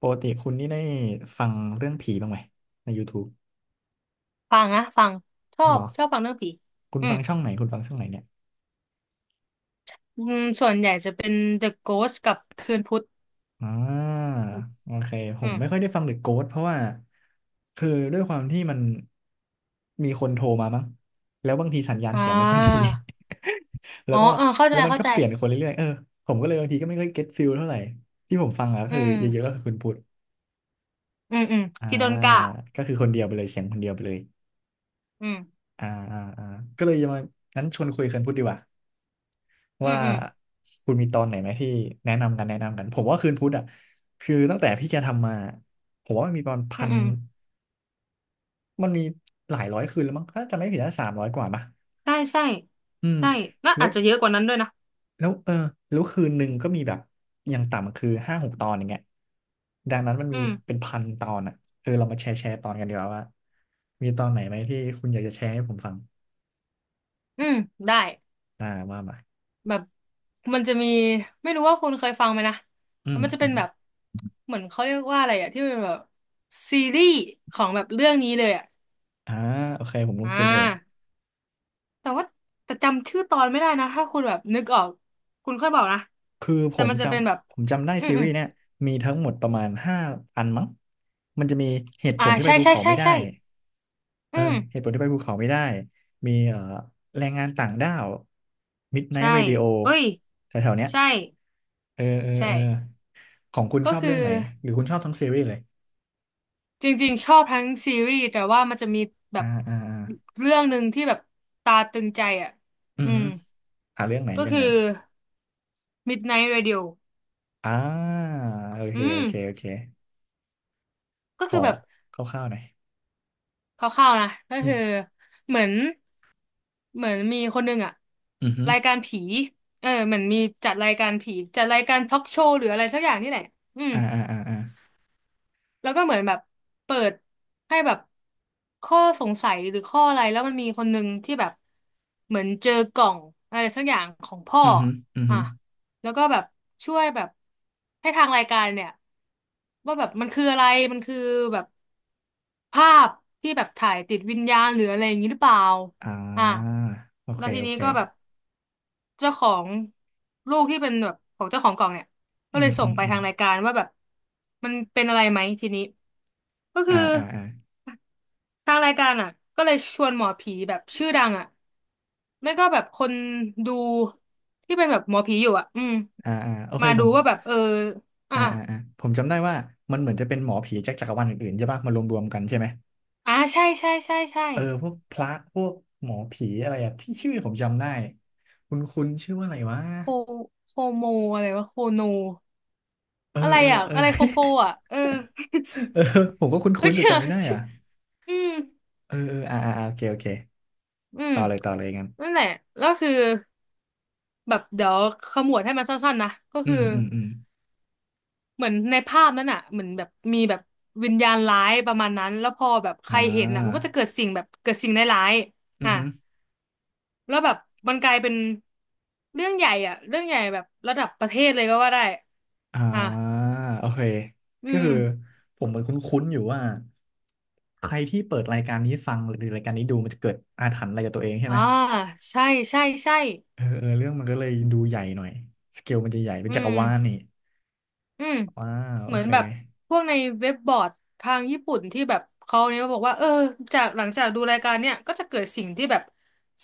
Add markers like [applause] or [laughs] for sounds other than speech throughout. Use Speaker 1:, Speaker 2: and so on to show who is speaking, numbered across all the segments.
Speaker 1: ปกติคุณนี่ได้ฟังเรื่องผีบ้างไหมใน YouTube
Speaker 2: ฟังนะฟังชอ
Speaker 1: เหร
Speaker 2: บ
Speaker 1: อ
Speaker 2: ชอบฟังเรื่องผี
Speaker 1: คุณ
Speaker 2: อื
Speaker 1: ฟั
Speaker 2: ม
Speaker 1: งช่องไหนคุณฟังช่องไหนเนี่ย
Speaker 2: อืมส่วนใหญ่จะเป็น The Ghost กับคืนพุธ
Speaker 1: อ่าโอเคผ
Speaker 2: อื
Speaker 1: มไม่ค่อ
Speaker 2: ม
Speaker 1: ยได้ฟังหรือะโก s t เพราะว่าคือด้วยความที่มันมีคนโทรมามั้งแล้วบางทีสัญญาณ
Speaker 2: อ่
Speaker 1: เสียงไม่ค่อยดี
Speaker 2: า
Speaker 1: [laughs] แล้
Speaker 2: อ๋
Speaker 1: ว
Speaker 2: อ
Speaker 1: ก็
Speaker 2: เออเข้า
Speaker 1: แล้
Speaker 2: ใจ
Speaker 1: วมัน
Speaker 2: เข้า
Speaker 1: ก็
Speaker 2: ใจ
Speaker 1: เปลี่ยนคนเรื่อยๆเออผมก็เลยบางทีก็ไม่ค่อยเก็ตฟิลเท่าไหร่ที่ผมฟังอะก็
Speaker 2: อื
Speaker 1: คือ
Speaker 2: ม
Speaker 1: เยอะๆก็คือคุณพุทธ
Speaker 2: อืมอืม
Speaker 1: อ่า
Speaker 2: พี่โดนกะ
Speaker 1: ก็คือคนเดียวไปเลยเสียงคนเดียวไปเลย
Speaker 2: อืม
Speaker 1: อ่าอ่าอ่าก็เลยจะมางั้นชวนคุยกันพูดดีกว่า
Speaker 2: อื
Speaker 1: ว่า
Speaker 2: มอืม
Speaker 1: คุณมีตอนไหนไหมที่แนะนำกันแนะนำกันผมว่าคืนพุธอ่ะคือตั้งแต่พี่แกทำมาผมว่ามันมีประมาณ
Speaker 2: อื
Speaker 1: พั
Speaker 2: ม
Speaker 1: น
Speaker 2: อืม
Speaker 1: มันมีหลายร้อยคืนแล้วมั้งถ้าจะไม่ผิดน่า300 กว่าป่ะ
Speaker 2: ใช่ใช่
Speaker 1: อืม
Speaker 2: ใช่น่า
Speaker 1: แล้
Speaker 2: อา
Speaker 1: ว
Speaker 2: จจะเยอะกว่านั้นด้วยนะ
Speaker 1: แล้วเออแล้วคืนหนึ่งก็มีแบบอย่างต่ำคือห้าหกตอนอย่างเงี้ยดังนั้นมัน
Speaker 2: อื
Speaker 1: มี
Speaker 2: ม
Speaker 1: เป็นพันตอนอ่ะเออเรามาแชร์แชร์ตอนกันดีกว่าว่ามีตอนไหนไหมที่คุณอยากจะแชร์ให้ผมฟัง
Speaker 2: อืมได้
Speaker 1: ว่ามา
Speaker 2: แบบมันจะมีไม่รู้ว่าคุณเคยฟังไหมนะ
Speaker 1: อื
Speaker 2: แล้วมันจะเป็นแบบ
Speaker 1: ม
Speaker 2: เหมือนเขาเรียกว่าอะไรอะที่เป็นแบบซีรีส์ของแบบเรื่องนี้เลยอะ
Speaker 1: อ่าโอเคผมคุ้
Speaker 2: อ่
Speaker 1: นคุณอยู่
Speaker 2: า แต่ว่าแต่จำชื่อตอนไม่ได้นะถ้าคุณแบบนึกออกคุณค่อยบอกนะ
Speaker 1: คือผ
Speaker 2: แต่
Speaker 1: ม
Speaker 2: มัน
Speaker 1: จ
Speaker 2: จะเป็นแบบ
Speaker 1: ำ ผมจำได้
Speaker 2: อืม
Speaker 1: ซี
Speaker 2: อื
Speaker 1: รี
Speaker 2: ม
Speaker 1: ส์เนี่ยมีทั้งหมดประมาณห้าอันมั้งมันจะมีเหตุผ
Speaker 2: อ่า
Speaker 1: ลที่ไป
Speaker 2: ใช่
Speaker 1: ภู
Speaker 2: ใช่
Speaker 1: เขา
Speaker 2: ใช่
Speaker 1: ไม่ได้
Speaker 2: ใช่
Speaker 1: เอ
Speaker 2: อื
Speaker 1: อ
Speaker 2: ม
Speaker 1: เหตุผลที่ไปภูเขาไม่ได้ มีแรงงานต่างด้าว
Speaker 2: ใช่
Speaker 1: Midnight Radio
Speaker 2: เอ้ย
Speaker 1: แถวๆเนี้ย
Speaker 2: ใช่
Speaker 1: เออเออ
Speaker 2: ใช่
Speaker 1: เออของคุณ
Speaker 2: ก็
Speaker 1: ชอบ
Speaker 2: คือ
Speaker 1: เรื่องไหน หรือคุณชอบทั้งซีรีส์เลย
Speaker 2: จริงๆชอบทั้งซีรีส์แต่ว่ามันจะมีแบ
Speaker 1: อ่า
Speaker 2: บ
Speaker 1: อ่าอ่า
Speaker 2: เรื่องหนึ่งที่แบบตาตึงใจอ่ะ
Speaker 1: อื
Speaker 2: อื
Speaker 1: อฮึ
Speaker 2: ม
Speaker 1: อ่าเรื่องไหน
Speaker 2: ก็
Speaker 1: เรื่อง
Speaker 2: คือ
Speaker 1: ไหน
Speaker 2: Midnight Radio
Speaker 1: อ่าโอเค
Speaker 2: อื
Speaker 1: โอ
Speaker 2: ม
Speaker 1: เคโอเค
Speaker 2: ก็
Speaker 1: ข
Speaker 2: คื
Speaker 1: อ
Speaker 2: อแบบ
Speaker 1: คร่าวๆหน่อย
Speaker 2: คร่าวๆนะก็
Speaker 1: อื
Speaker 2: คือ
Speaker 1: ม
Speaker 2: เหมือนเหมือนมีคนหนึ่งอะ
Speaker 1: อือฮึ
Speaker 2: รายการผีเออเหมือนมีจัดรายการผีจัดรายการทอล์กโชว์หรืออะไรสักอย่างนี่แหละอืม
Speaker 1: อ่าอ่าอ่าอ่า
Speaker 2: แล้วก็เหมือนแบบเปิดให้แบบข้อสงสัยหรือข้ออะไรแล้วมันมีคนหนึ่งที่แบบเหมือนเจอกล่องอะไรสักอย่างของพ่อ
Speaker 1: อือฮึอือฮึ
Speaker 2: อ่ะแล้วก็แบบช่วยแบบให้ทางรายการเนี่ยว่าแบบมันคืออะไรมันคือแบบ ภาพที่แบบถ่ายติดวิญญาณหรืออะไรอย่างนี้หรือเปล่า
Speaker 1: อ่
Speaker 2: อ่า
Speaker 1: าโอเค
Speaker 2: แล้วที
Speaker 1: โอ
Speaker 2: นี้
Speaker 1: เค
Speaker 2: ก็แบบเจ้าของลูกที่เป็นแบบของเจ้าของกล่องเนี่ยก็
Speaker 1: อื
Speaker 2: เล
Speaker 1: ม
Speaker 2: ยส่
Speaker 1: อื
Speaker 2: ง
Speaker 1: ม
Speaker 2: ไป
Speaker 1: อืม
Speaker 2: ทางรายการว่าแบบมันเป็นอะไรไหมทีนี้ ก็
Speaker 1: อ่า
Speaker 2: คือ
Speaker 1: อ่าอ่า
Speaker 2: ทางรายการอ่ะก็เลยชวนหมอผีแบบชื่อดังอ่ะไม่ก็แบบคนดูที่เป็นแบบหมอผีอยู่อ่ะอืม
Speaker 1: อ่าอ่าโอเค
Speaker 2: มา
Speaker 1: ผ
Speaker 2: ดู
Speaker 1: ม
Speaker 2: ว่าแบบเอออ่ะอ่ะ
Speaker 1: ผมจำได้ว่ามันเหมือนจะเป็นหมอผีจากจักรวาลอื่นๆใช่ปะมารวมๆกันใช่ไหม
Speaker 2: อ่าใช่ใช่ใช่ใช่
Speaker 1: เออพวกพระพวกหมอผีอะไรอะที่ชื่อผมจำได้คุณชื่อว่าอะไรวะ
Speaker 2: โคโคโมอะไรวะโคโน
Speaker 1: เออ
Speaker 2: อะไร
Speaker 1: เออ
Speaker 2: อ่ะ
Speaker 1: เออ
Speaker 2: อะไรโคโค่
Speaker 1: [laughs]
Speaker 2: อ่ะเออ [laughs]
Speaker 1: เออผมก็
Speaker 2: โอ
Speaker 1: คุ้นๆ
Speaker 2: เค
Speaker 1: แต่จำ
Speaker 2: อ่ะ
Speaker 1: ไม่ได้
Speaker 2: ชื่
Speaker 1: อ่ะ
Speaker 2: ออืม [laughs]
Speaker 1: เออเอออ่าอ่าอ่าโอเคโอเค
Speaker 2: อืม
Speaker 1: ต่อเลยต่อเลยงั้น
Speaker 2: นั่นแหละแล้วคือแบบเดี๋ยวขมวดให้มันสั้นๆนะก็
Speaker 1: อื
Speaker 2: คือ
Speaker 1: มอืมอืม
Speaker 2: เหมือนในภาพนั้นอ่ะเหมือนแบบมีแบบวิญญาณร้ายประมาณนั้นแล้วพอแบบใค
Speaker 1: อ่
Speaker 2: รเห็นอ่ะมัน
Speaker 1: า
Speaker 2: ก็จะเกิดสิ่งแบบเกิดสิ่งร้าย
Speaker 1: อื
Speaker 2: ๆอ่ะ
Speaker 1: ม
Speaker 2: แล้วแบบมันกลายเป็นเรื่องใหญ่อ่ะเรื่องใหญ่แบบระดับประเทศเลยก็ว่าได้
Speaker 1: อ่า
Speaker 2: อ่ะ
Speaker 1: โอเค
Speaker 2: อื
Speaker 1: ก็
Speaker 2: ม
Speaker 1: คือผมเหมือนคุ้นๆอยู่ว่าใครที่เปิดรายการนี้ฟังหรือรายการนี้ดูมันจะเกิดอาถรรพ์อะไรกับตัวเองใช่
Speaker 2: อ่า
Speaker 1: ไหม
Speaker 2: ใช่ใช่ใช่
Speaker 1: เออเออเรื่องมันก็เลยดูใหญ่หน่อยสเกลมันจะใหญ่เป็น
Speaker 2: อื
Speaker 1: จักรวาล
Speaker 2: ม
Speaker 1: นี่
Speaker 2: อืม
Speaker 1: ว้าวโอ
Speaker 2: เหมือน
Speaker 1: เค
Speaker 2: แบบพวกในเว็บบอร์ดทางญี่ปุ่นที่แบบเขาเนี่ยบอกว่าเออจากหลังจากดูรายการเนี่ยก็จะเกิดสิ่งที่แบบ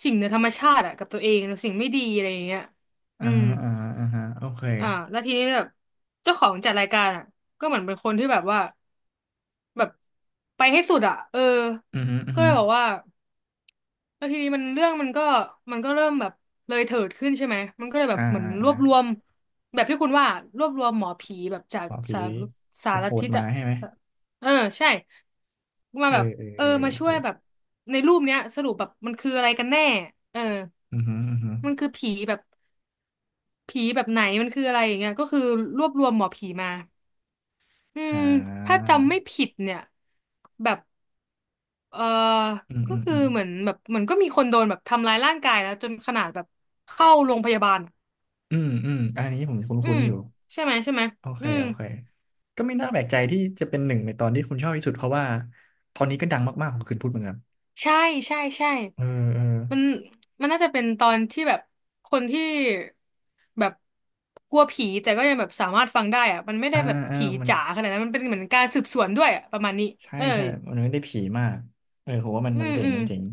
Speaker 2: สิ่งเหนือธรรมชาติอะกับตัวเองสิ่งไม่ดีอะไรอย่างเงี้ย
Speaker 1: อ่า
Speaker 2: อืม
Speaker 1: อ่าอ่าฮะโอเค
Speaker 2: อ่าแล้วทีนี้แบบเจ้าของจัดรายการอ่ะก็เหมือนเป็นคนที่แบบว่าแบบไปให้สุดอ่ะเออ
Speaker 1: อือฮึอือ
Speaker 2: ก็
Speaker 1: ฮึ
Speaker 2: เลยบอกว่า แล้วทีนี้มันเรื่องมันก็มันก็เริ่มแบบเลยเถิดขึ้นใช่ไหม มันก็เลยแบ
Speaker 1: อ่า
Speaker 2: บเหมือน
Speaker 1: อ่า
Speaker 2: ร
Speaker 1: อ่า
Speaker 2: วบรวมแบบที่คุณว่ารวบรวมหมอผีแบบจาก
Speaker 1: หมอผี
Speaker 2: สารสาร
Speaker 1: โหด
Speaker 2: ทิศ
Speaker 1: ๆมา
Speaker 2: อะ
Speaker 1: ใช่ไหม
Speaker 2: เออใช่มา
Speaker 1: เออ
Speaker 2: แบบ
Speaker 1: เออ
Speaker 2: เออ
Speaker 1: เออ
Speaker 2: มาช่
Speaker 1: เอ
Speaker 2: ว
Speaker 1: อ
Speaker 2: ยแบบในรูปเนี้ยสรุปแบบมันคืออะไรกันแน่เออ
Speaker 1: อือฮึอือฮึ
Speaker 2: มันคือผีแบบผีแบบไหนมันคืออะไรอย่างเงี้ยก็คือรวบรวมหมอผีมาอื
Speaker 1: อ่
Speaker 2: มถ้า
Speaker 1: า
Speaker 2: จำไม่ผิดเนี่ยแบบ เออ
Speaker 1: อืม
Speaker 2: ก็
Speaker 1: อืม
Speaker 2: คือ
Speaker 1: อืม
Speaker 2: เหมือนแบบเหมือนก็มีคนโดนแบบทำร้ายร่างกายแล้วจนขนาดแบบเข้าโรงพยาบาลอะ
Speaker 1: อืมอืมอันนี้ผมค
Speaker 2: อื
Speaker 1: ุ้น
Speaker 2: ม
Speaker 1: ๆอยู่
Speaker 2: ใช่ไหมใช่ไหม
Speaker 1: โอเค
Speaker 2: อืม
Speaker 1: โอเค ก็ไม่น่าแปลกใจที่จะเป็นหนึ่งในตอนที่คุณชอบที่สุดเพราะว่าตอนนี้ก็ดังมากๆของคืนพูดเหมือนกัน
Speaker 2: ใช่ใช่ใช่
Speaker 1: เออเออ
Speaker 2: มันมันน่าจะเป็นตอนที่แบบคนที่แบบกลัวผีแต่ก็ยังแบบสามารถฟังได้อะมันไม่ได้
Speaker 1: อ่า
Speaker 2: แบบ
Speaker 1: เออ
Speaker 2: ผี
Speaker 1: มัน
Speaker 2: จ๋าขนาดนั้นมันเป็นเหมือนการสืบสวนด้วยอะประมาณนี้
Speaker 1: ใช่
Speaker 2: เออ
Speaker 1: ใช่มันไม่ได้ผีมากเออผมว่ามัน
Speaker 2: อื
Speaker 1: มัน
Speaker 2: ม
Speaker 1: เจ๋
Speaker 2: อื
Speaker 1: ง
Speaker 2: ม
Speaker 1: มันเจ๋ง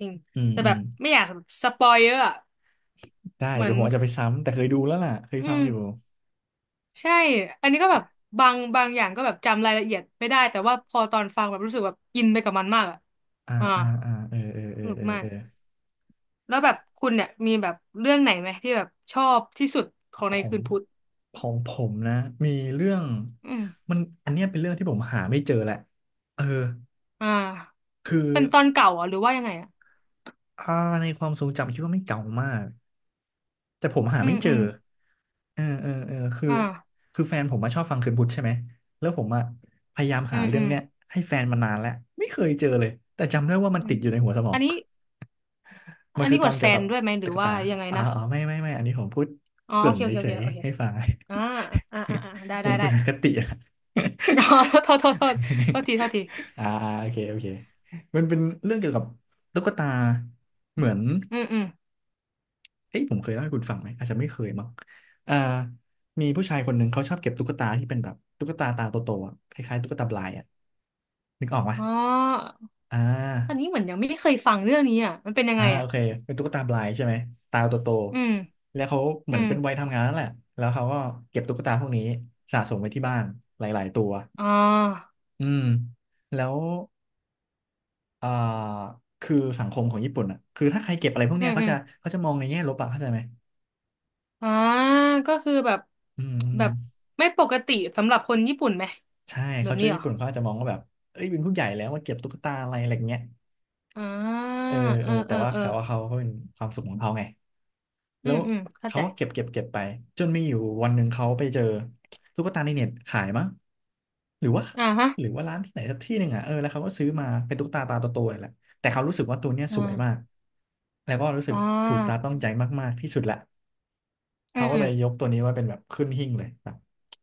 Speaker 2: จริง
Speaker 1: อืม
Speaker 2: แต่
Speaker 1: อื
Speaker 2: แบ
Speaker 1: ม
Speaker 2: บไม่อยากแบบสปอยเยอะอะ
Speaker 1: ได้
Speaker 2: เห
Speaker 1: ห
Speaker 2: มื
Speaker 1: รื
Speaker 2: อ
Speaker 1: อ
Speaker 2: น
Speaker 1: ผมอาจจะไปซ้ำ แต่เคยดูแล้วล่ะ เคย
Speaker 2: อื
Speaker 1: ฟัง
Speaker 2: ม
Speaker 1: อยู่
Speaker 2: ใช่อันนี้ก็แบบบางอย่างก็แบบจำรายละเอียดไม่ได้แต่ว่าพอตอนฟังแบบรู้สึกแบบอินไปกับมันมากอ่ะ
Speaker 1: อ่า
Speaker 2: อ่า
Speaker 1: อ่าอ่าเออเออเอ
Speaker 2: ส
Speaker 1: อ
Speaker 2: นุก
Speaker 1: เออ
Speaker 2: มา
Speaker 1: เอ
Speaker 2: ก
Speaker 1: อ
Speaker 2: แล้วแบบคุณเนี่ยมีแบบเรื่องไหนไหมที่แบบชอบที่สุดของ
Speaker 1: ข
Speaker 2: ใน
Speaker 1: อง
Speaker 2: คืนพุธ
Speaker 1: ของผมนะ มีเรื่อง
Speaker 2: อืม
Speaker 1: มันอันเนี้ยเป็นเรื่องที่ผมหาไม่เจอแหละเออ
Speaker 2: อ่า
Speaker 1: คือ
Speaker 2: เป็นตอนเก่าเหรอหรือว่ายังไงอ่ะ
Speaker 1: อ่าในความทรงจำคิดว่าไม่เก่ามาก แต่ผมหา
Speaker 2: อื
Speaker 1: ไม่
Speaker 2: ม
Speaker 1: เจ
Speaker 2: อื
Speaker 1: อ
Speaker 2: ม
Speaker 1: เออเออเออคือ
Speaker 2: อ่า
Speaker 1: คือแฟนผมมาชอบฟังคืนพุธใช่ไหมแล้วผมอะพยายาม
Speaker 2: อื
Speaker 1: หา
Speaker 2: ม
Speaker 1: เรื่
Speaker 2: อื
Speaker 1: อง
Speaker 2: ม
Speaker 1: เนี้ยให้แฟนมานานแล้วไม่เคยเจอเลยแต่จำได้ว่ามัน
Speaker 2: อื
Speaker 1: ติด
Speaker 2: ม
Speaker 1: อยู่ในหัวสมอ
Speaker 2: อั
Speaker 1: ง
Speaker 2: นนี้
Speaker 1: [laughs] มั
Speaker 2: อั
Speaker 1: น
Speaker 2: น
Speaker 1: คือ
Speaker 2: นี้อ
Speaker 1: ตอ
Speaker 2: ว
Speaker 1: น
Speaker 2: ดแฟ
Speaker 1: เกี่ยว
Speaker 2: น
Speaker 1: กับ
Speaker 2: ด้วยไหมหรื
Speaker 1: ตุ๊
Speaker 2: อ
Speaker 1: ก
Speaker 2: ว่า
Speaker 1: ตา
Speaker 2: ยังไง
Speaker 1: อ๋อ
Speaker 2: นะ
Speaker 1: อ๋อไม่ไม่ไม่อันนี้ผมพูด
Speaker 2: อ๋อ
Speaker 1: เก
Speaker 2: โอ
Speaker 1: ริ่น
Speaker 2: เคโอเคโอ
Speaker 1: เฉ
Speaker 2: เค
Speaker 1: ย
Speaker 2: โอเค
Speaker 1: ๆให้ฟัง
Speaker 2: อ่าอ่าอ่าอ่าได้
Speaker 1: [laughs] เหมื
Speaker 2: ได้
Speaker 1: อนคุ
Speaker 2: ได้
Speaker 1: ณอคติอะ
Speaker 2: [laughs] อ๋อโทษโทษโทษโทษทีโทษที
Speaker 1: [laughs] อ่าอ่าโอเคโอเคมันเป็นเรื่องเกี่ยวกับตุ๊กตาเหมือน
Speaker 2: อืมอืม
Speaker 1: เอ้ยผมเคยเล่าให้คุณฟังไหมอาจจะไม่เคยมั้งอ่ามีผู้ชายคนหนึ่งเขาชอบเก็บตุ๊กตาที่เป็นแบบตุ๊กตาตาโตๆอะคล้ายๆตุ๊กตาบลายอ่ะนึกออกปะ
Speaker 2: อ๋อ
Speaker 1: อ่
Speaker 2: อันนี้
Speaker 1: า
Speaker 2: เหมือนยังไม่เคยฟังเรื่องนี้อ่ะมันเป็นยัง
Speaker 1: อ่า
Speaker 2: ไง
Speaker 1: โอ
Speaker 2: อ่ะ
Speaker 1: เคเป็นตุ๊กตาบลายใช่ไหมตาโต
Speaker 2: อืม
Speaker 1: ๆแล้วเขาเห
Speaker 2: อื
Speaker 1: มือนเป็นวัย
Speaker 2: ม
Speaker 1: ทำงานนั่นแหละแล้วเขาก็เก็บตุ๊กตาพวกนี้สะสมไว้ที่บ้านหลายๆตัว
Speaker 2: อ๋อ
Speaker 1: อืมแล้วเอ่อคือสังคมของญี่ปุ่นอ่ะคือถ้าใครเก็บอะไรพวก
Speaker 2: อื
Speaker 1: เนี้ย
Speaker 2: ม
Speaker 1: เขา
Speaker 2: อื
Speaker 1: จะ
Speaker 2: ม
Speaker 1: เขาจะมองในแง่ลบอ่ะเข้าใจไหม
Speaker 2: อ่าก็คือแบบ
Speaker 1: อืมอืม
Speaker 2: แบบไม่ปกติสำหรับคนญี่ปุ่นไหม
Speaker 1: ใช่
Speaker 2: แบ
Speaker 1: เขา
Speaker 2: บนี้
Speaker 1: เจ้า
Speaker 2: เหร
Speaker 1: ญี่
Speaker 2: อ
Speaker 1: ปุ่นเขาอาจจะมองว่าแบบเอ้ยเป็นผู้ใหญ่แล้วมาเก็บตุ๊กตาอะไรอะไรเงี้ย
Speaker 2: อ่า
Speaker 1: เออ
Speaker 2: เอ
Speaker 1: เอ
Speaker 2: อ
Speaker 1: อ
Speaker 2: เอ
Speaker 1: แต่
Speaker 2: อ
Speaker 1: ว่า
Speaker 2: เออ
Speaker 1: เขาว่าเขาก็เป็นความสุขของเขาไง
Speaker 2: อื
Speaker 1: แล้ว
Speaker 2: มอืมเข้า
Speaker 1: เขา
Speaker 2: ใจ
Speaker 1: ก็เก็บเก็บเก็บไปจนมีอยู่วันหนึ่งเขาไปเจอตุ๊กตาในเน็ตขายมั้งหรือว่า
Speaker 2: อ่าฮะ
Speaker 1: หรือว่าร้านที่ไหนสักที่หนึ่งอ่ะเออแล้วเขาก็ซื้อมาเป็นตุ๊กตาตาโตๆนี่แหละแต่เขารู้สึกว่าตัวเนี้ย
Speaker 2: อ่
Speaker 1: สวยมาก
Speaker 2: า
Speaker 1: แล้วก็รู้สึ
Speaker 2: อ่
Speaker 1: กถูกตา
Speaker 2: า
Speaker 1: ต้องใจมากๆที่สุดละ
Speaker 2: อื
Speaker 1: เขา
Speaker 2: ม
Speaker 1: ก็
Speaker 2: อื
Speaker 1: เล
Speaker 2: ม
Speaker 1: ยยกตัวนี้ไว่าเป็นแบบขึ้นหิ้งเลยแบบ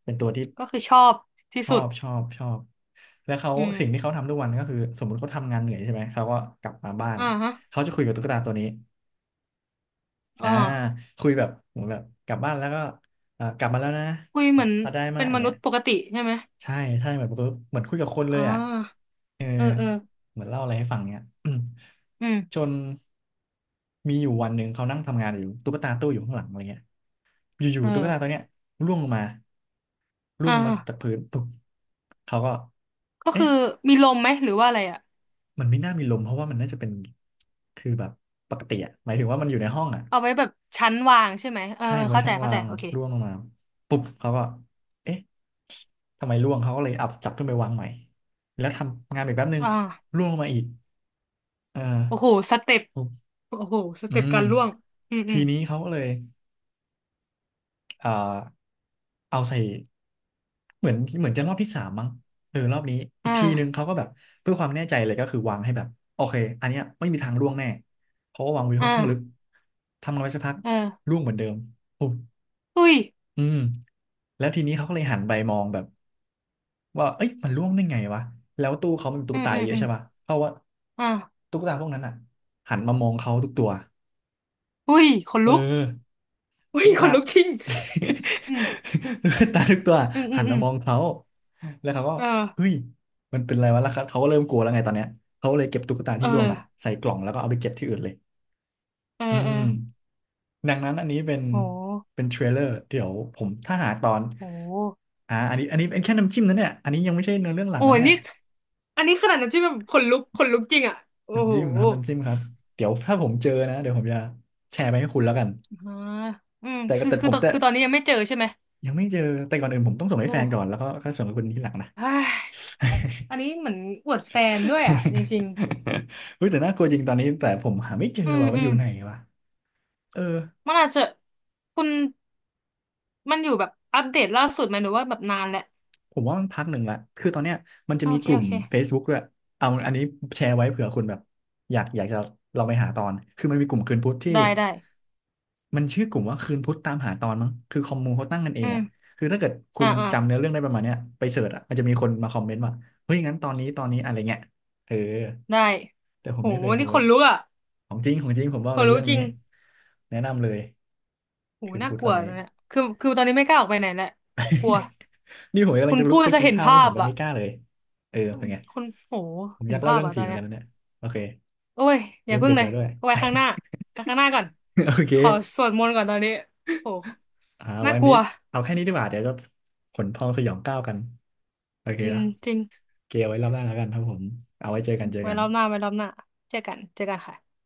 Speaker 1: เป็นตัวที่
Speaker 2: ก็คือชอบที่
Speaker 1: ชอ
Speaker 2: สุด
Speaker 1: บชอบชอบแล้วเขา
Speaker 2: อื
Speaker 1: สิ่งที่
Speaker 2: ม
Speaker 1: เขาทำทุกวันก็คือสมมติเขาทำงานเหนื่อยใช่ไหมเขาก็กลับมาบ้าน
Speaker 2: อ่าฮะ
Speaker 1: เขาจะคุยกับตุ๊กตาตัวนี้
Speaker 2: อ๋
Speaker 1: อ่า
Speaker 2: อ
Speaker 1: คุยแบบเหมือนแบบกลับบ้านแล้วก็กลับมาแล้วนะ
Speaker 2: คุยเหมื
Speaker 1: เนี่
Speaker 2: อ
Speaker 1: ย
Speaker 2: น
Speaker 1: มาได้มา
Speaker 2: เป็
Speaker 1: ก
Speaker 2: น
Speaker 1: อย่า
Speaker 2: ม
Speaker 1: ง
Speaker 2: นุ
Speaker 1: เงี้ย
Speaker 2: ษย์ปกติใช่ไหม
Speaker 1: ใช่ใช่เหมือนเหมือนคุยกับคนเล
Speaker 2: อ่
Speaker 1: ยอ่ะ
Speaker 2: า
Speaker 1: เออ
Speaker 2: เออเออ
Speaker 1: เหมือนเล่าอะไรให้ฟังเนี้ย [clears throat] อืม
Speaker 2: อืม
Speaker 1: จนมีอยู่วันหนึ่งเขานั่งทำงานอยู่ตุ๊กตาตู้อยู่ข้างหลังอะไรเงี้ยอยู่
Speaker 2: เอ
Speaker 1: ๆตุ๊ก
Speaker 2: อ
Speaker 1: ตาตัวเนี้ยร่วงลงมาร่ว
Speaker 2: อ่
Speaker 1: งลงมาจาก
Speaker 2: า
Speaker 1: พื้นปุ๊บเขาก็
Speaker 2: ก็คื
Speaker 1: เอ๊ะ
Speaker 2: อมีลมไหมหรือว่าอะไรอ่ะ
Speaker 1: มันไม่น่ามีลมเพราะว่ามันน่าจะเป็นคือแบบปกติอะหมายถึงว่ามันอยู่ในห้องอะ
Speaker 2: เอาไว้แบบชั้นวางใช่ไหมเออ
Speaker 1: ใช่
Speaker 2: เออ
Speaker 1: ไว้
Speaker 2: เข้าใจ
Speaker 1: ชั้น
Speaker 2: เข้า
Speaker 1: วา
Speaker 2: ใจ
Speaker 1: ง
Speaker 2: โอเค
Speaker 1: ร่วงลงมาปุ๊บเขาก็เอ๊ะทำไมร่วงเขาก็เลยอับจับขึ้นไปวางใหม่แล้วทำงานอีกแป๊บนึง
Speaker 2: อ่า
Speaker 1: ร่วงลงมาอีกเอ
Speaker 2: โอ้โห
Speaker 1: อ
Speaker 2: สเต็ป
Speaker 1: ปุ๊บ
Speaker 2: โอ้โหส
Speaker 1: อื
Speaker 2: เต็ป
Speaker 1: ม
Speaker 2: การล่วงอืมอื
Speaker 1: ที
Speaker 2: ม
Speaker 1: นี้เขาก็เลย เอ่อเอาใส่เหมือนเหมือนจะรอบที่สามมั้งเออรอบนี้อีกทีนึง
Speaker 2: อ่า
Speaker 1: เขาก็แบบเพื่อความแน่ใจเลยก็คือวางให้แบบโอเคอันเนี้ยไม่มีทางร่วงแน่เพราะว่าวางไว้
Speaker 2: อ
Speaker 1: ค่อนข้างลึก
Speaker 2: ่า
Speaker 1: ทำกันไปสักพัก
Speaker 2: เออ
Speaker 1: ร่วงเหมือนเดิมปุ๊บ
Speaker 2: อุ้ย
Speaker 1: อืมแล้วทีนี้เขาก็เลยหันไปมองแบบว่าเอ้ยมันร่วงได้ไงวะแล้วตู้เขามันมีตุ๊
Speaker 2: อื
Speaker 1: ก
Speaker 2: ม
Speaker 1: ตา
Speaker 2: อืม
Speaker 1: เยอะ
Speaker 2: อืม
Speaker 1: ใช่ปะเพราะว่า
Speaker 2: อ่า
Speaker 1: ตุ๊กตาพวกนั้นอ่ะหันมามองเขาทุกตัว
Speaker 2: อุ้ยขน
Speaker 1: เอ
Speaker 2: ลุก
Speaker 1: อ
Speaker 2: อุ้ย
Speaker 1: ตุ๊ก
Speaker 2: ข
Speaker 1: ตา
Speaker 2: นลุกจริงอืม
Speaker 1: [laughs] ตุ๊กตาทุกตัว
Speaker 2: อืมอื
Speaker 1: หั
Speaker 2: ม
Speaker 1: น
Speaker 2: อื
Speaker 1: มา
Speaker 2: ม
Speaker 1: มองเขาแล้วเขาก็
Speaker 2: เออ
Speaker 1: เฮ้ยมันเป็นอะไรวะแล้วเขาก็เริ่มกลัวแล้วไงตอนเนี้ยเขาเลยเก็บตุ๊กตา
Speaker 2: เอ
Speaker 1: ที่
Speaker 2: อ
Speaker 1: ร่วงอ่ะใส่กล่องแล้วก็เอาไปเก็บที่อื่นเลย
Speaker 2: เออ
Speaker 1: อื
Speaker 2: เออ
Speaker 1: มดังนั้นอันนี้เป็น
Speaker 2: โห
Speaker 1: เป็นเทรลเลอร์เดี๋ยวผมถ้าหาตอน
Speaker 2: โห
Speaker 1: อ่าอันนี้อันนี้เป็นแค่น้ำจิ้มนะเนี่ยอันนี้ยังไม่ใช่เนื้อเรื่องหลัก
Speaker 2: โอ้
Speaker 1: นะ
Speaker 2: ย
Speaker 1: เนี่ย
Speaker 2: นี่อันนี้ขนาดน้ำจิ้มแบบขนลุกขนลุกจริงอ่ะโอ้
Speaker 1: น้ำ
Speaker 2: โห
Speaker 1: จิ้มครับน้ำจิ้มครับเดี๋ยวถ้าผมเจอนะเดี๋ยวผมจะแชร์ไปให้คุณแล้วกัน
Speaker 2: อ่าอืม
Speaker 1: แต่ก็
Speaker 2: คือ
Speaker 1: แต่
Speaker 2: คื
Speaker 1: ผ
Speaker 2: อ
Speaker 1: ม
Speaker 2: ตอน
Speaker 1: จะ
Speaker 2: คือตอนนี้ยังไม่เจอใช่ไหม
Speaker 1: ยังไม่เจอแต่ก่อนอื่นผมต้องส่ง
Speaker 2: โอ
Speaker 1: ให้แฟนก่อนแล้ว
Speaker 2: ้
Speaker 1: ก็ค่อยส่งให้คุณทีหลังนะ
Speaker 2: เฮ้ย อันนี้เหมือนอวดแฟนด้วยอ่ะจริง
Speaker 1: [laughs] เฮ้ยแต่น่ากลัวจริงตอนนี้แต่ผมหาไม่เจอ
Speaker 2: ๆอืม
Speaker 1: ว่ามัน
Speaker 2: อื
Speaker 1: อ
Speaker 2: ม
Speaker 1: ยู่ไหนวะเออ
Speaker 2: มันอาจจะคุณมันอยู่แบบอัปเดตล่าสุดไหมหรือว่าแบบนานแล้ว
Speaker 1: ผมว่ามันพักหนึ่งละคือตอนเนี้ยมันจะ
Speaker 2: โอ
Speaker 1: มี
Speaker 2: เค
Speaker 1: กลุ่
Speaker 2: โอ
Speaker 1: ม
Speaker 2: เค
Speaker 1: Facebook ด้วยเอาอันนี้แชร์ไว้เผื่อคุณแบบอยากอยากจะเราไปหาตอนคือมันมีกลุ่มคืนพุธที่
Speaker 2: ได้ได้
Speaker 1: มันชื่อกลุ่มว่าคืนพุธตามหาตอนมั้งคือคอมมูเขาตั้งกันเอ
Speaker 2: อื
Speaker 1: ง
Speaker 2: ม
Speaker 1: อ่ะคือถ้าเกิดคุ
Speaker 2: อ่า
Speaker 1: ณ
Speaker 2: อ่า
Speaker 1: จำเนื้อเรื่องได้ประมาณเนี้ยไปเสิร์ชอ่ะมันจะมีคนมาคอมเมนต์ว่าเฮ้ยงั้นตอนนี้ตอนนี้อะไรเงี้ยเออ
Speaker 2: ได้
Speaker 1: แต่ผ
Speaker 2: โห
Speaker 1: มไม่เคยโพ
Speaker 2: นี่ข
Speaker 1: ส
Speaker 2: น
Speaker 1: ต์
Speaker 2: ลุกอ่ะ
Speaker 1: ของจริงของจริงผมบอ
Speaker 2: ข
Speaker 1: กเล
Speaker 2: น
Speaker 1: ย
Speaker 2: ลุก
Speaker 1: เรื่อง
Speaker 2: จริ
Speaker 1: นี้
Speaker 2: ง
Speaker 1: แนะนำเลย
Speaker 2: โห
Speaker 1: คืน
Speaker 2: น่า
Speaker 1: พุธ
Speaker 2: ก
Speaker 1: ต
Speaker 2: ลั
Speaker 1: อ
Speaker 2: ว
Speaker 1: น
Speaker 2: ต
Speaker 1: นี้
Speaker 2: อนเนี้ยคือตอนนี้ไม่กล้าออกไปไหนแหละกลัว
Speaker 1: นี่ผมกำลั
Speaker 2: คุ
Speaker 1: ง
Speaker 2: ณ
Speaker 1: จะลุ
Speaker 2: พู
Speaker 1: ก
Speaker 2: ด
Speaker 1: ไป
Speaker 2: จะ
Speaker 1: กิน
Speaker 2: เห็น
Speaker 1: ข้าว
Speaker 2: ภา
Speaker 1: นี่ผม
Speaker 2: พ
Speaker 1: ไป
Speaker 2: อ่ะ
Speaker 1: ไม่กล้าเลยเออ
Speaker 2: อื
Speaker 1: เป็น
Speaker 2: ม
Speaker 1: ไง
Speaker 2: คุณโห
Speaker 1: ผมอ
Speaker 2: เห็น
Speaker 1: ยากเล่า
Speaker 2: ภาพ
Speaker 1: เรื่อง
Speaker 2: อ่ะ
Speaker 1: ผี
Speaker 2: ตอน
Speaker 1: เหมือน
Speaker 2: เนี้
Speaker 1: กั
Speaker 2: ย
Speaker 1: นนะเนี่ยโอเค
Speaker 2: โอ้ยอย่า
Speaker 1: เริ่ม
Speaker 2: พึ่
Speaker 1: ดึ
Speaker 2: ง
Speaker 1: ก
Speaker 2: เล
Speaker 1: แล้
Speaker 2: ย
Speaker 1: วด้วย
Speaker 2: เอาไว้ข้างหน้าไว้ข้างหน้าก่อน
Speaker 1: [laughs] โอเค
Speaker 2: ขอสวดมนต์ก่อนตอนนี้โห
Speaker 1: อ่า
Speaker 2: น่า
Speaker 1: วัน
Speaker 2: กลั
Speaker 1: นี้
Speaker 2: ว
Speaker 1: เอาแค่นี้ดีกว่าเดี๋ยวจะขนพองสยองก้าวกันโอเค
Speaker 2: อืม
Speaker 1: นะ
Speaker 2: จริง
Speaker 1: เกลไว้รอบหน้าแล้วกันครับผมเอาไว้เจอกันเจอ
Speaker 2: ไว้
Speaker 1: กัน
Speaker 2: รอบหน้าไว้รอบหน้าเจอกันเจอกันค่ะ